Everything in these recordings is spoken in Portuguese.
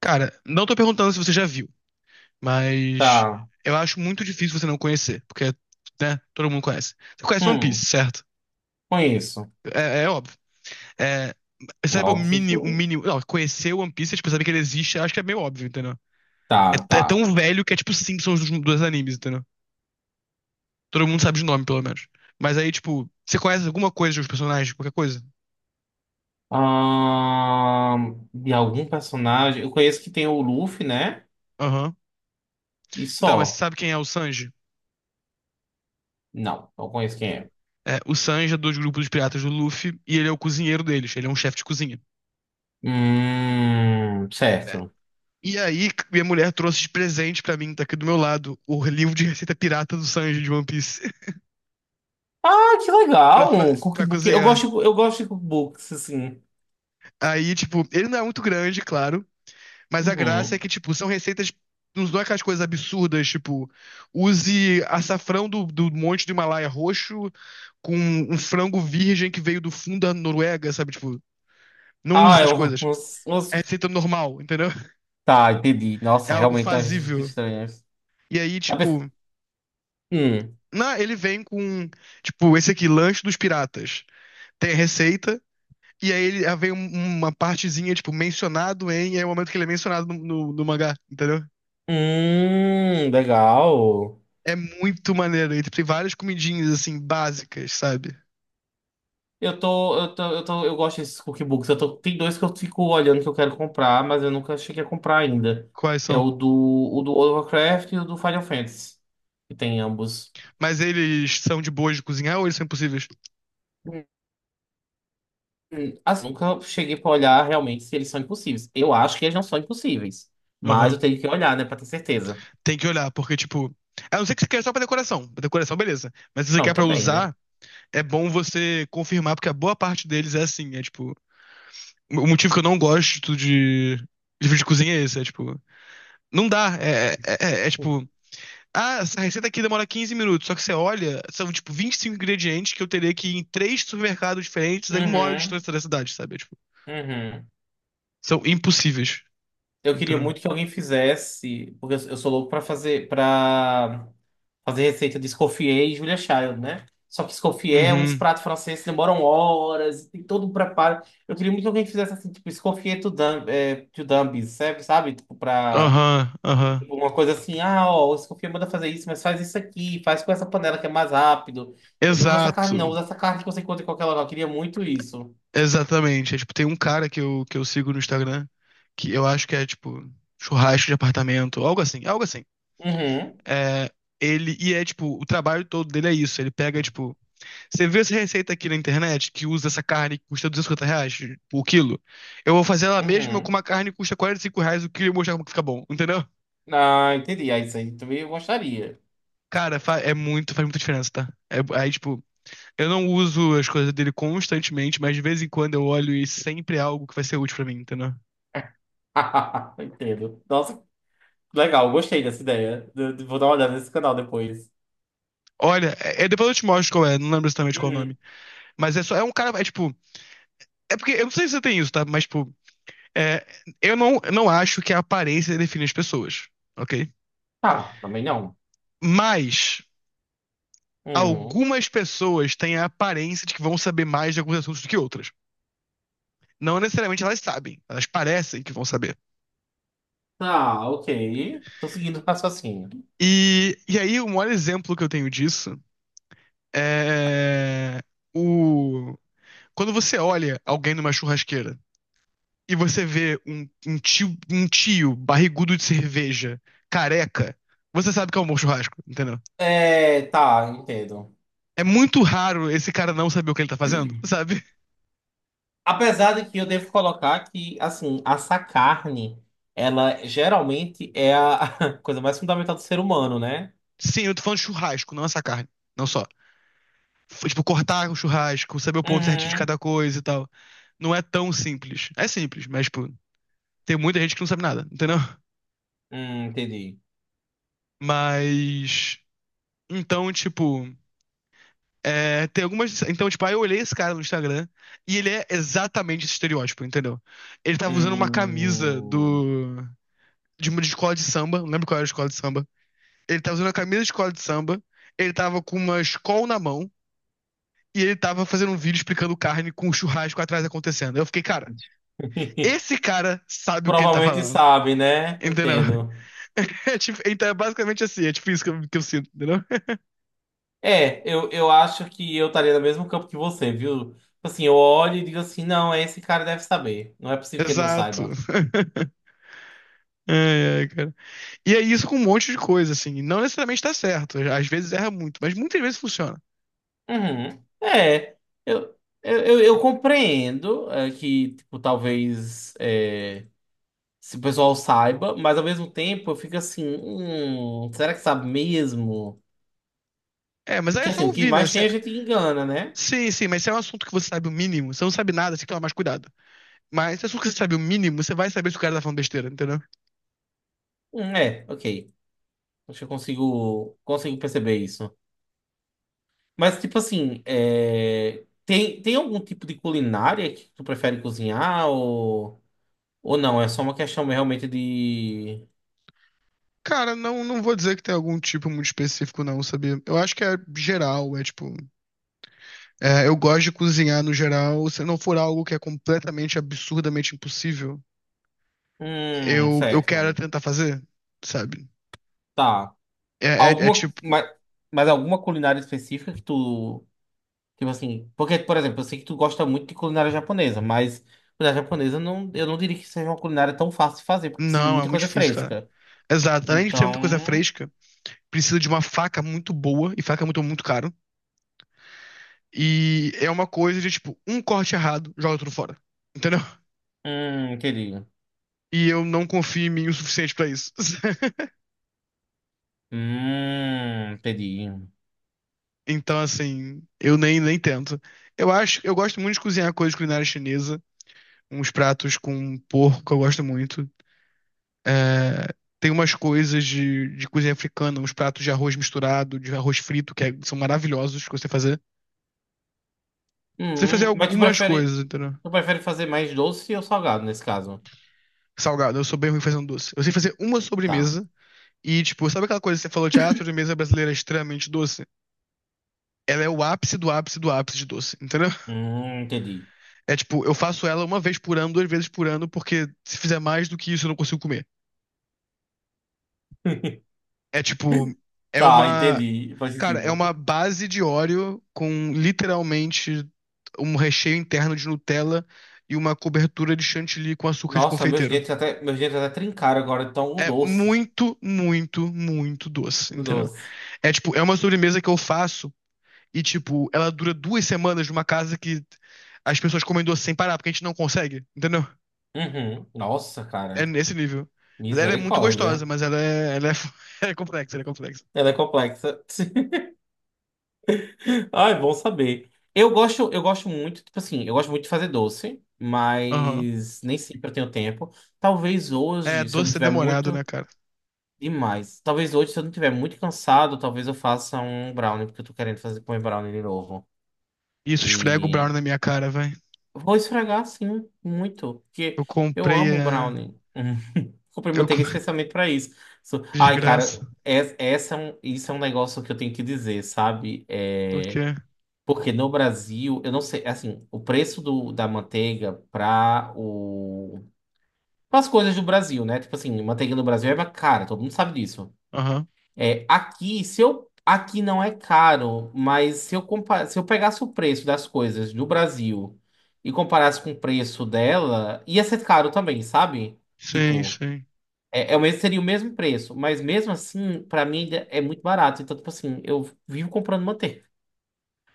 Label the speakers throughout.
Speaker 1: Cara, não tô perguntando se você já viu, mas
Speaker 2: Tá.
Speaker 1: eu acho muito difícil você não conhecer, porque, né, todo mundo conhece. Você conhece One Piece,
Speaker 2: Hum,
Speaker 1: certo?
Speaker 2: conheço.
Speaker 1: É, é óbvio. É,
Speaker 2: É
Speaker 1: sabe
Speaker 2: óbvio.
Speaker 1: o mini, não, conhecer One Piece, tipo, saber que ele existe, acho que é meio óbvio, entendeu? É,
Speaker 2: Tá,
Speaker 1: é
Speaker 2: tá.
Speaker 1: tão velho que é tipo Simpsons dos animes, entendeu? Todo mundo sabe de nome, pelo menos. Mas aí, tipo, você conhece alguma coisa dos personagens, qualquer coisa?
Speaker 2: De algum personagem. Eu conheço que tem o Luffy, né?
Speaker 1: Aham.
Speaker 2: E
Speaker 1: Então, mas você
Speaker 2: só.
Speaker 1: sabe quem é o Sanji?
Speaker 2: Não, não conheço quem é.
Speaker 1: É, o Sanji é dos grupos dos piratas do Luffy e ele é o cozinheiro deles, ele é um chefe de cozinha.
Speaker 2: Certo.
Speaker 1: E aí, minha mulher trouxe de presente pra mim, tá aqui do meu lado, o livro de receita pirata do Sanji de One Piece
Speaker 2: Ah, que
Speaker 1: pra,
Speaker 2: legal! Um
Speaker 1: pra
Speaker 2: cookbook.
Speaker 1: cozinhar.
Speaker 2: Eu gosto de cookbooks, assim.
Speaker 1: Aí, tipo, ele não é muito grande, claro, mas a graça é
Speaker 2: Uhum.
Speaker 1: que, tipo, são receitas. Não são aquelas coisas absurdas, tipo, use açafrão do monte do Himalaia roxo com um frango virgem que veio do fundo da Noruega, sabe? Tipo, não use
Speaker 2: Ah,
Speaker 1: essas coisas. É receita normal, entendeu?
Speaker 2: Tá, entendi.
Speaker 1: É
Speaker 2: Nossa,
Speaker 1: algo
Speaker 2: realmente é umas receitas
Speaker 1: fazível.
Speaker 2: estranhas.
Speaker 1: E aí,
Speaker 2: Tá pens-
Speaker 1: tipo,
Speaker 2: Hum.
Speaker 1: ele vem com, tipo, esse aqui, lanche dos piratas. Tem a receita, e aí ele aí vem uma partezinha, tipo, mencionado em, e é o momento que ele é mencionado no mangá, entendeu?
Speaker 2: Legal.
Speaker 1: É muito maneiro. E tem várias comidinhas, assim, básicas, sabe?
Speaker 2: Eu gosto desses cookbooks. Eu tô, tem dois que eu fico olhando que eu quero comprar, mas eu nunca cheguei a comprar ainda.
Speaker 1: Quais
Speaker 2: É
Speaker 1: são?
Speaker 2: o do World of Warcraft e o do Final Fantasy, que tem ambos.
Speaker 1: Mas eles são de boas de cozinhar ou eles são impossíveis?
Speaker 2: Assim, nunca cheguei pra olhar realmente se eles são impossíveis. Eu acho que eles não são impossíveis, mas eu
Speaker 1: Aham.
Speaker 2: tenho que olhar, né, pra ter certeza.
Speaker 1: Tem que olhar, porque, tipo. A não ser que você queira só pra decoração. Pra decoração, beleza. Mas se você
Speaker 2: Não,
Speaker 1: quer pra
Speaker 2: também, né?
Speaker 1: usar, é bom você confirmar, porque a boa parte deles é assim. É tipo. O motivo que eu não gosto de livro de cozinha é esse. É tipo. Não dá. Tipo. Ah, essa receita aqui demora 15 minutos. Só que você olha, são tipo 25 ingredientes que eu teria que ir em três supermercados diferentes a uma hora de
Speaker 2: Uhum,
Speaker 1: distância da cidade, sabe? É, tipo,
Speaker 2: uhum.
Speaker 1: são impossíveis.
Speaker 2: Eu queria
Speaker 1: Entendeu?
Speaker 2: muito que alguém fizesse, porque eu sou louco pra fazer, pra. Fazer receita de Escoffier e Julia Child, né? Só que Escoffier, é uns
Speaker 1: Uhum.
Speaker 2: pratos franceses que demoram horas, tem todo um preparo. Eu queria muito que alguém fizesse assim, tipo, Escoffier to dumb, é, to dummies, sabe? Sabe? Tipo, pra...
Speaker 1: Aham, aham.
Speaker 2: Tipo, uma coisa assim, ah, ó, o Escoffier manda fazer isso, mas faz isso aqui, faz com essa panela que é mais rápido. É, não usa essa
Speaker 1: Exato.
Speaker 2: carne, não. Usa essa carne que você encontra em qualquer local. Eu queria muito isso.
Speaker 1: Exatamente. É, tipo, tem um cara que eu sigo no Instagram que eu acho que é tipo churrasco de apartamento, algo assim, algo assim.
Speaker 2: Uhum,
Speaker 1: É, e é tipo, o trabalho todo dele é isso. Ele pega, tipo, você viu essa receita aqui na internet que usa essa carne que custa R$ 250 por quilo? Eu vou fazer ela mesma com
Speaker 2: uhum.
Speaker 1: uma carne que custa R$ 45 o quilo e mostrar como que fica bom, entendeu?
Speaker 2: Ah, entendi. Ah, isso aí também eu gostaria.
Speaker 1: Cara, é muito, faz muita diferença, tá? É, aí, tipo, eu não uso as coisas dele constantemente, mas de vez em quando eu olho e sempre é algo que vai ser útil pra mim, entendeu?
Speaker 2: Entendo. Nossa, legal. Gostei dessa ideia. Eu Vou dar uma olhada nesse canal depois.
Speaker 1: Olha, depois eu te mostro qual é, não lembro exatamente qual é o
Speaker 2: Uhum.
Speaker 1: nome. Mas é só, é um cara, é tipo, é porque, eu não sei se você tem isso, tá? Mas, tipo, é, eu não acho que a aparência define as pessoas, ok?
Speaker 2: Tá, também não.
Speaker 1: Mas
Speaker 2: Hum.
Speaker 1: algumas pessoas têm a aparência de que vão saber mais de alguns assuntos do que outras. Não necessariamente elas sabem, elas parecem que vão saber.
Speaker 2: Tá, ok. Tô seguindo o raciocínio.
Speaker 1: E aí, o maior exemplo que eu tenho disso é o. Quando você olha alguém numa churrasqueira e você vê um tio barrigudo de cerveja, careca, você sabe que é um bom churrasco, entendeu?
Speaker 2: É, tá, entendo.
Speaker 1: É muito raro esse cara não saber o que ele tá fazendo, sabe?
Speaker 2: Apesar de que eu devo colocar que, assim, essa carne, ela geralmente é a coisa mais fundamental do ser humano, né?
Speaker 1: Sim, eu tô falando de churrasco, não essa carne, não só. Tipo, cortar o churrasco, saber o ponto certinho de
Speaker 2: Uhum.
Speaker 1: cada coisa e tal. Não é tão simples. É simples, mas, tipo, tem muita gente que não sabe nada, entendeu?
Speaker 2: Entendi.
Speaker 1: Mas. Então, tipo. É, tem algumas. Então, tipo, aí eu olhei esse cara no Instagram e ele é exatamente esse estereótipo, entendeu? Ele tava usando uma camisa
Speaker 2: Hum.
Speaker 1: do. De uma de escola de samba, não lembro qual era a escola de samba. Ele tava usando a camisa de escola de samba, ele tava com uma escola na mão e ele tava fazendo um vídeo explicando carne com o churrasco atrás acontecendo. Eu fiquei, cara. Esse cara sabe o que ele tá
Speaker 2: Provavelmente
Speaker 1: falando.
Speaker 2: sabe, né?
Speaker 1: Entendeu?
Speaker 2: Entendo.
Speaker 1: É tipo, então é basicamente assim, é tipo isso que eu sinto, entendeu?
Speaker 2: É, eu acho que eu estaria no mesmo campo que você, viu? Tipo assim, eu olho e digo assim, não, esse cara deve saber. Não é possível que ele não
Speaker 1: Exato.
Speaker 2: saiba.
Speaker 1: É, é, cara. E é isso com um monte de coisa, assim. Não necessariamente tá certo. Às vezes erra muito, mas muitas vezes funciona.
Speaker 2: Uhum. É, eu, eu compreendo é, que, tipo, talvez é, se o pessoal saiba, mas ao mesmo tempo eu fico assim, será que sabe mesmo?
Speaker 1: É, mas aí
Speaker 2: Porque
Speaker 1: é
Speaker 2: assim,
Speaker 1: só
Speaker 2: o que
Speaker 1: ouvir, né?
Speaker 2: mais
Speaker 1: Se
Speaker 2: tem
Speaker 1: é-
Speaker 2: a gente engana, né?
Speaker 1: Sim, sim, mas se é um assunto que você sabe o mínimo, você não sabe nada, você tem que tomar mais cuidado. Mas se a você sabe o mínimo, você vai saber se o cara tá falando besteira, entendeu?
Speaker 2: É, ok. Acho que eu consigo, consigo perceber isso. Mas, tipo assim, é, tem algum tipo de culinária que tu prefere cozinhar ou não? É só uma questão realmente de.
Speaker 1: Cara, não, não vou dizer que tem algum tipo muito específico, não, sabia? Eu acho que é geral, é tipo. É, eu gosto de cozinhar no geral. Se não for algo que é completamente, absurdamente impossível, eu quero
Speaker 2: Certo.
Speaker 1: tentar fazer, sabe?
Speaker 2: Tá.
Speaker 1: É
Speaker 2: Alguma.
Speaker 1: tipo.
Speaker 2: Mas alguma culinária específica que tu. Tipo assim. Porque, por exemplo, eu sei que tu gosta muito de culinária japonesa, mas culinária japonesa não, eu não diria que seja uma culinária tão fácil de fazer, porque precisa de
Speaker 1: Não, é
Speaker 2: muita
Speaker 1: muito
Speaker 2: coisa
Speaker 1: difícil, cara.
Speaker 2: fresca.
Speaker 1: Exato. Além de ser muita coisa
Speaker 2: Então.
Speaker 1: fresca. Precisa de uma faca muito boa, e faca é muito, muito caro. E é uma coisa de, tipo, um corte errado, joga tudo fora. Entendeu?
Speaker 2: Entendi.
Speaker 1: E eu não confio em mim o suficiente pra isso.
Speaker 2: Entendi.
Speaker 1: Então, assim, eu nem, nem tento. Eu acho, eu gosto muito de cozinhar coisas culinária chinesa, uns pratos com porco, eu gosto muito. É, tem umas coisas de cozinha africana, uns pratos de arroz misturado, de arroz frito, são maravilhosos que eu sei fazer. Eu sei fazer
Speaker 2: Hum, mas tu
Speaker 1: algumas
Speaker 2: prefere,
Speaker 1: coisas, entendeu?
Speaker 2: tu prefere fazer mais doce ou salgado nesse caso?
Speaker 1: Salgado, eu sou bem ruim fazendo doce. Eu sei fazer uma
Speaker 2: Tá.
Speaker 1: sobremesa. E, tipo, sabe aquela coisa que você falou de ah, a sobremesa brasileira é extremamente doce? Ela é o ápice do ápice do ápice de doce, entendeu?
Speaker 2: Entendi.
Speaker 1: É tipo, eu faço ela uma vez por ano, duas vezes por ano, porque se fizer mais do que isso eu não consigo comer. É tipo, é
Speaker 2: Tá,
Speaker 1: uma.
Speaker 2: entendi. Faz
Speaker 1: Cara, é
Speaker 2: sentido.
Speaker 1: uma base de Oreo com literalmente um recheio interno de Nutella e uma cobertura de chantilly com açúcar de
Speaker 2: Nossa,
Speaker 1: confeiteiro.
Speaker 2: meus dentes até trincaram agora, tão um
Speaker 1: É
Speaker 2: doce.
Speaker 1: muito, muito, muito doce,
Speaker 2: Muito
Speaker 1: entendeu?
Speaker 2: doce.
Speaker 1: É tipo, é uma sobremesa que eu faço. E, tipo, ela dura duas semanas numa casa que as pessoas comem doce sem parar, porque a gente não consegue, entendeu?
Speaker 2: Uhum. Nossa,
Speaker 1: É
Speaker 2: cara.
Speaker 1: nesse nível. Mas ela é muito gostosa,
Speaker 2: Misericórdia.
Speaker 1: mas ela é complexa, ela é complexa.
Speaker 2: Ela é complexa. Ai, bom saber. Eu gosto muito, tipo assim, eu gosto muito de fazer doce,
Speaker 1: Aham.
Speaker 2: mas nem sempre eu tenho tempo. Talvez
Speaker 1: É,
Speaker 2: hoje, se eu não
Speaker 1: doce é
Speaker 2: tiver
Speaker 1: demorado,
Speaker 2: muito
Speaker 1: né, cara?
Speaker 2: demais. Talvez hoje, se eu não estiver muito cansado, talvez eu faça um brownie, porque eu tô querendo fazer comer brownie de novo.
Speaker 1: Isso, esfrega o
Speaker 2: E
Speaker 1: brownie na minha cara, vai.
Speaker 2: vou esfregar, sim, muito. Porque
Speaker 1: Eu
Speaker 2: eu
Speaker 1: comprei
Speaker 2: amo
Speaker 1: a.
Speaker 2: brownie. Comprei
Speaker 1: Eu...
Speaker 2: manteiga especialmente pra isso. Ai, cara,
Speaker 1: Desgraça.
Speaker 2: isso é um negócio que eu tenho que dizer, sabe?
Speaker 1: O
Speaker 2: É...
Speaker 1: quê?
Speaker 2: Porque no Brasil, eu não sei, assim, o preço da manteiga pra o... as coisas do Brasil, né? Tipo assim, manteiga no Brasil é mais cara, todo mundo sabe disso.
Speaker 1: Aham.
Speaker 2: É, aqui, se eu, aqui não é caro, mas se eu, se eu pegasse o preço das coisas do Brasil e comparasse com o preço dela, ia ser caro também, sabe?
Speaker 1: Sim,
Speaker 2: Tipo,
Speaker 1: sim.
Speaker 2: é o mesmo, seria o mesmo preço, mas mesmo assim, pra mim ainda é muito barato. Então, tipo assim, eu vivo comprando manteiga,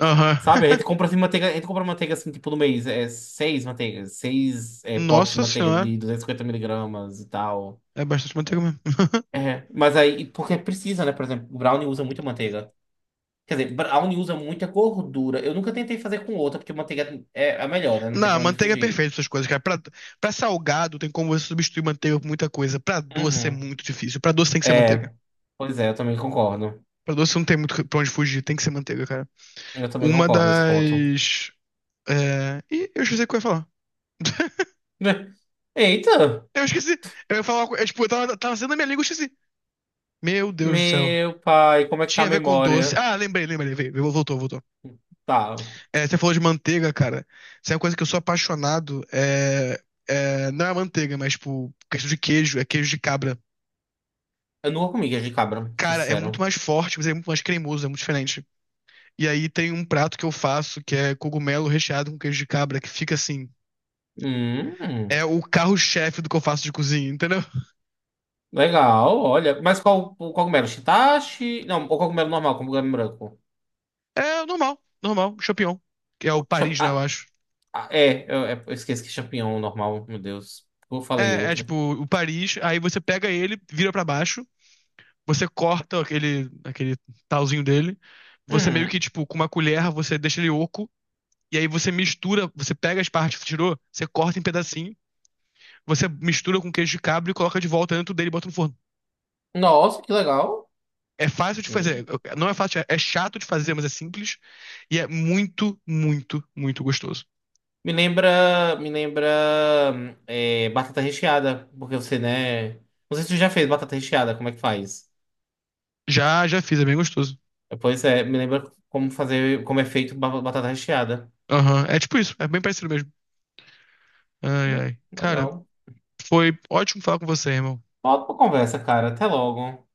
Speaker 1: Aham.
Speaker 2: sabe? A gente compra assim, manteiga, a gente compra manteiga assim, tipo, no mês, é seis manteigas, seis é, potes de
Speaker 1: Nossa
Speaker 2: manteiga
Speaker 1: senhora.
Speaker 2: de 250 miligramas e tal.
Speaker 1: É bastante manteiga mesmo.
Speaker 2: É, mas aí, porque precisa, né? Por exemplo, o brownie usa muita manteiga. Quer dizer, brownie usa muita gordura. Eu nunca tentei fazer com outra, porque manteiga é a melhor, né? Não tem
Speaker 1: Não,
Speaker 2: pra onde
Speaker 1: manteiga é
Speaker 2: fugir.
Speaker 1: perfeita essas coisas, cara. Pra, pra salgado tem como você substituir manteiga por muita coisa. Pra doce é
Speaker 2: Uhum.
Speaker 1: muito difícil. Pra doce tem que ser manteiga.
Speaker 2: É, pois é, eu também concordo.
Speaker 1: Pra doce não tem muito pra onde fugir, tem que ser manteiga, cara.
Speaker 2: Eu também
Speaker 1: Uma
Speaker 2: concordo nesse ponto.
Speaker 1: das. É... Ih, eu esqueci o que eu ia falar.
Speaker 2: Eita!
Speaker 1: Eu esqueci. Eu ia falar. Eu, tipo, tava sendo a minha língua, eu esqueci. Meu Deus do céu.
Speaker 2: Meu pai, como é que tá
Speaker 1: Tinha
Speaker 2: a
Speaker 1: a ver com doce.
Speaker 2: memória?
Speaker 1: Ah, lembrei, lembrei. Voltou, voltou.
Speaker 2: Tá.
Speaker 1: É, você falou de manteiga, cara. Isso é uma coisa que eu sou apaixonado. Não é manteiga, mas, tipo, questão de queijo, é queijo de cabra.
Speaker 2: Eu nunca comi queijo de cabra,
Speaker 1: Cara, é muito
Speaker 2: sincero.
Speaker 1: mais forte, mas é muito mais cremoso, é muito diferente. E aí tem um prato que eu faço que é cogumelo recheado com queijo de cabra, que fica assim.
Speaker 2: Hum,
Speaker 1: É o carro-chefe do que eu faço de cozinha, entendeu?
Speaker 2: legal, olha. Mas qual o cogumelo? Shiitache? Não, o cogumelo normal, cogumelo branco.
Speaker 1: É normal, normal, champignon. Que é o Paris, né, eu
Speaker 2: Ah,
Speaker 1: acho.
Speaker 2: eu esqueci que é champignon normal, meu Deus. Eu falei
Speaker 1: É, é
Speaker 2: outro.
Speaker 1: tipo o Paris, aí você pega ele, vira pra baixo, você corta aquele, talzinho dele, você meio
Speaker 2: Uhum.
Speaker 1: que, tipo, com uma colher, você deixa ele oco, e aí você mistura, você pega as partes que você tirou, você corta em pedacinho, você mistura com queijo de cabra e coloca de volta dentro dele e bota no forno.
Speaker 2: Nossa, que legal.
Speaker 1: É fácil de
Speaker 2: Hum.
Speaker 1: fazer. Não é fácil, é chato de fazer, mas é simples. E é muito, muito, muito gostoso.
Speaker 2: Me lembra é, batata recheada, porque você, né? Não sei se você já fez batata recheada, como é que faz?
Speaker 1: Já fiz, é bem gostoso.
Speaker 2: Pois é, me lembra como fazer, como é feito batata recheada.
Speaker 1: Aham, é tipo isso, é bem parecido mesmo. Ai, ai. Cara,
Speaker 2: Legal.
Speaker 1: foi ótimo falar com você, irmão.
Speaker 2: Volta pra conversa, cara. Até logo.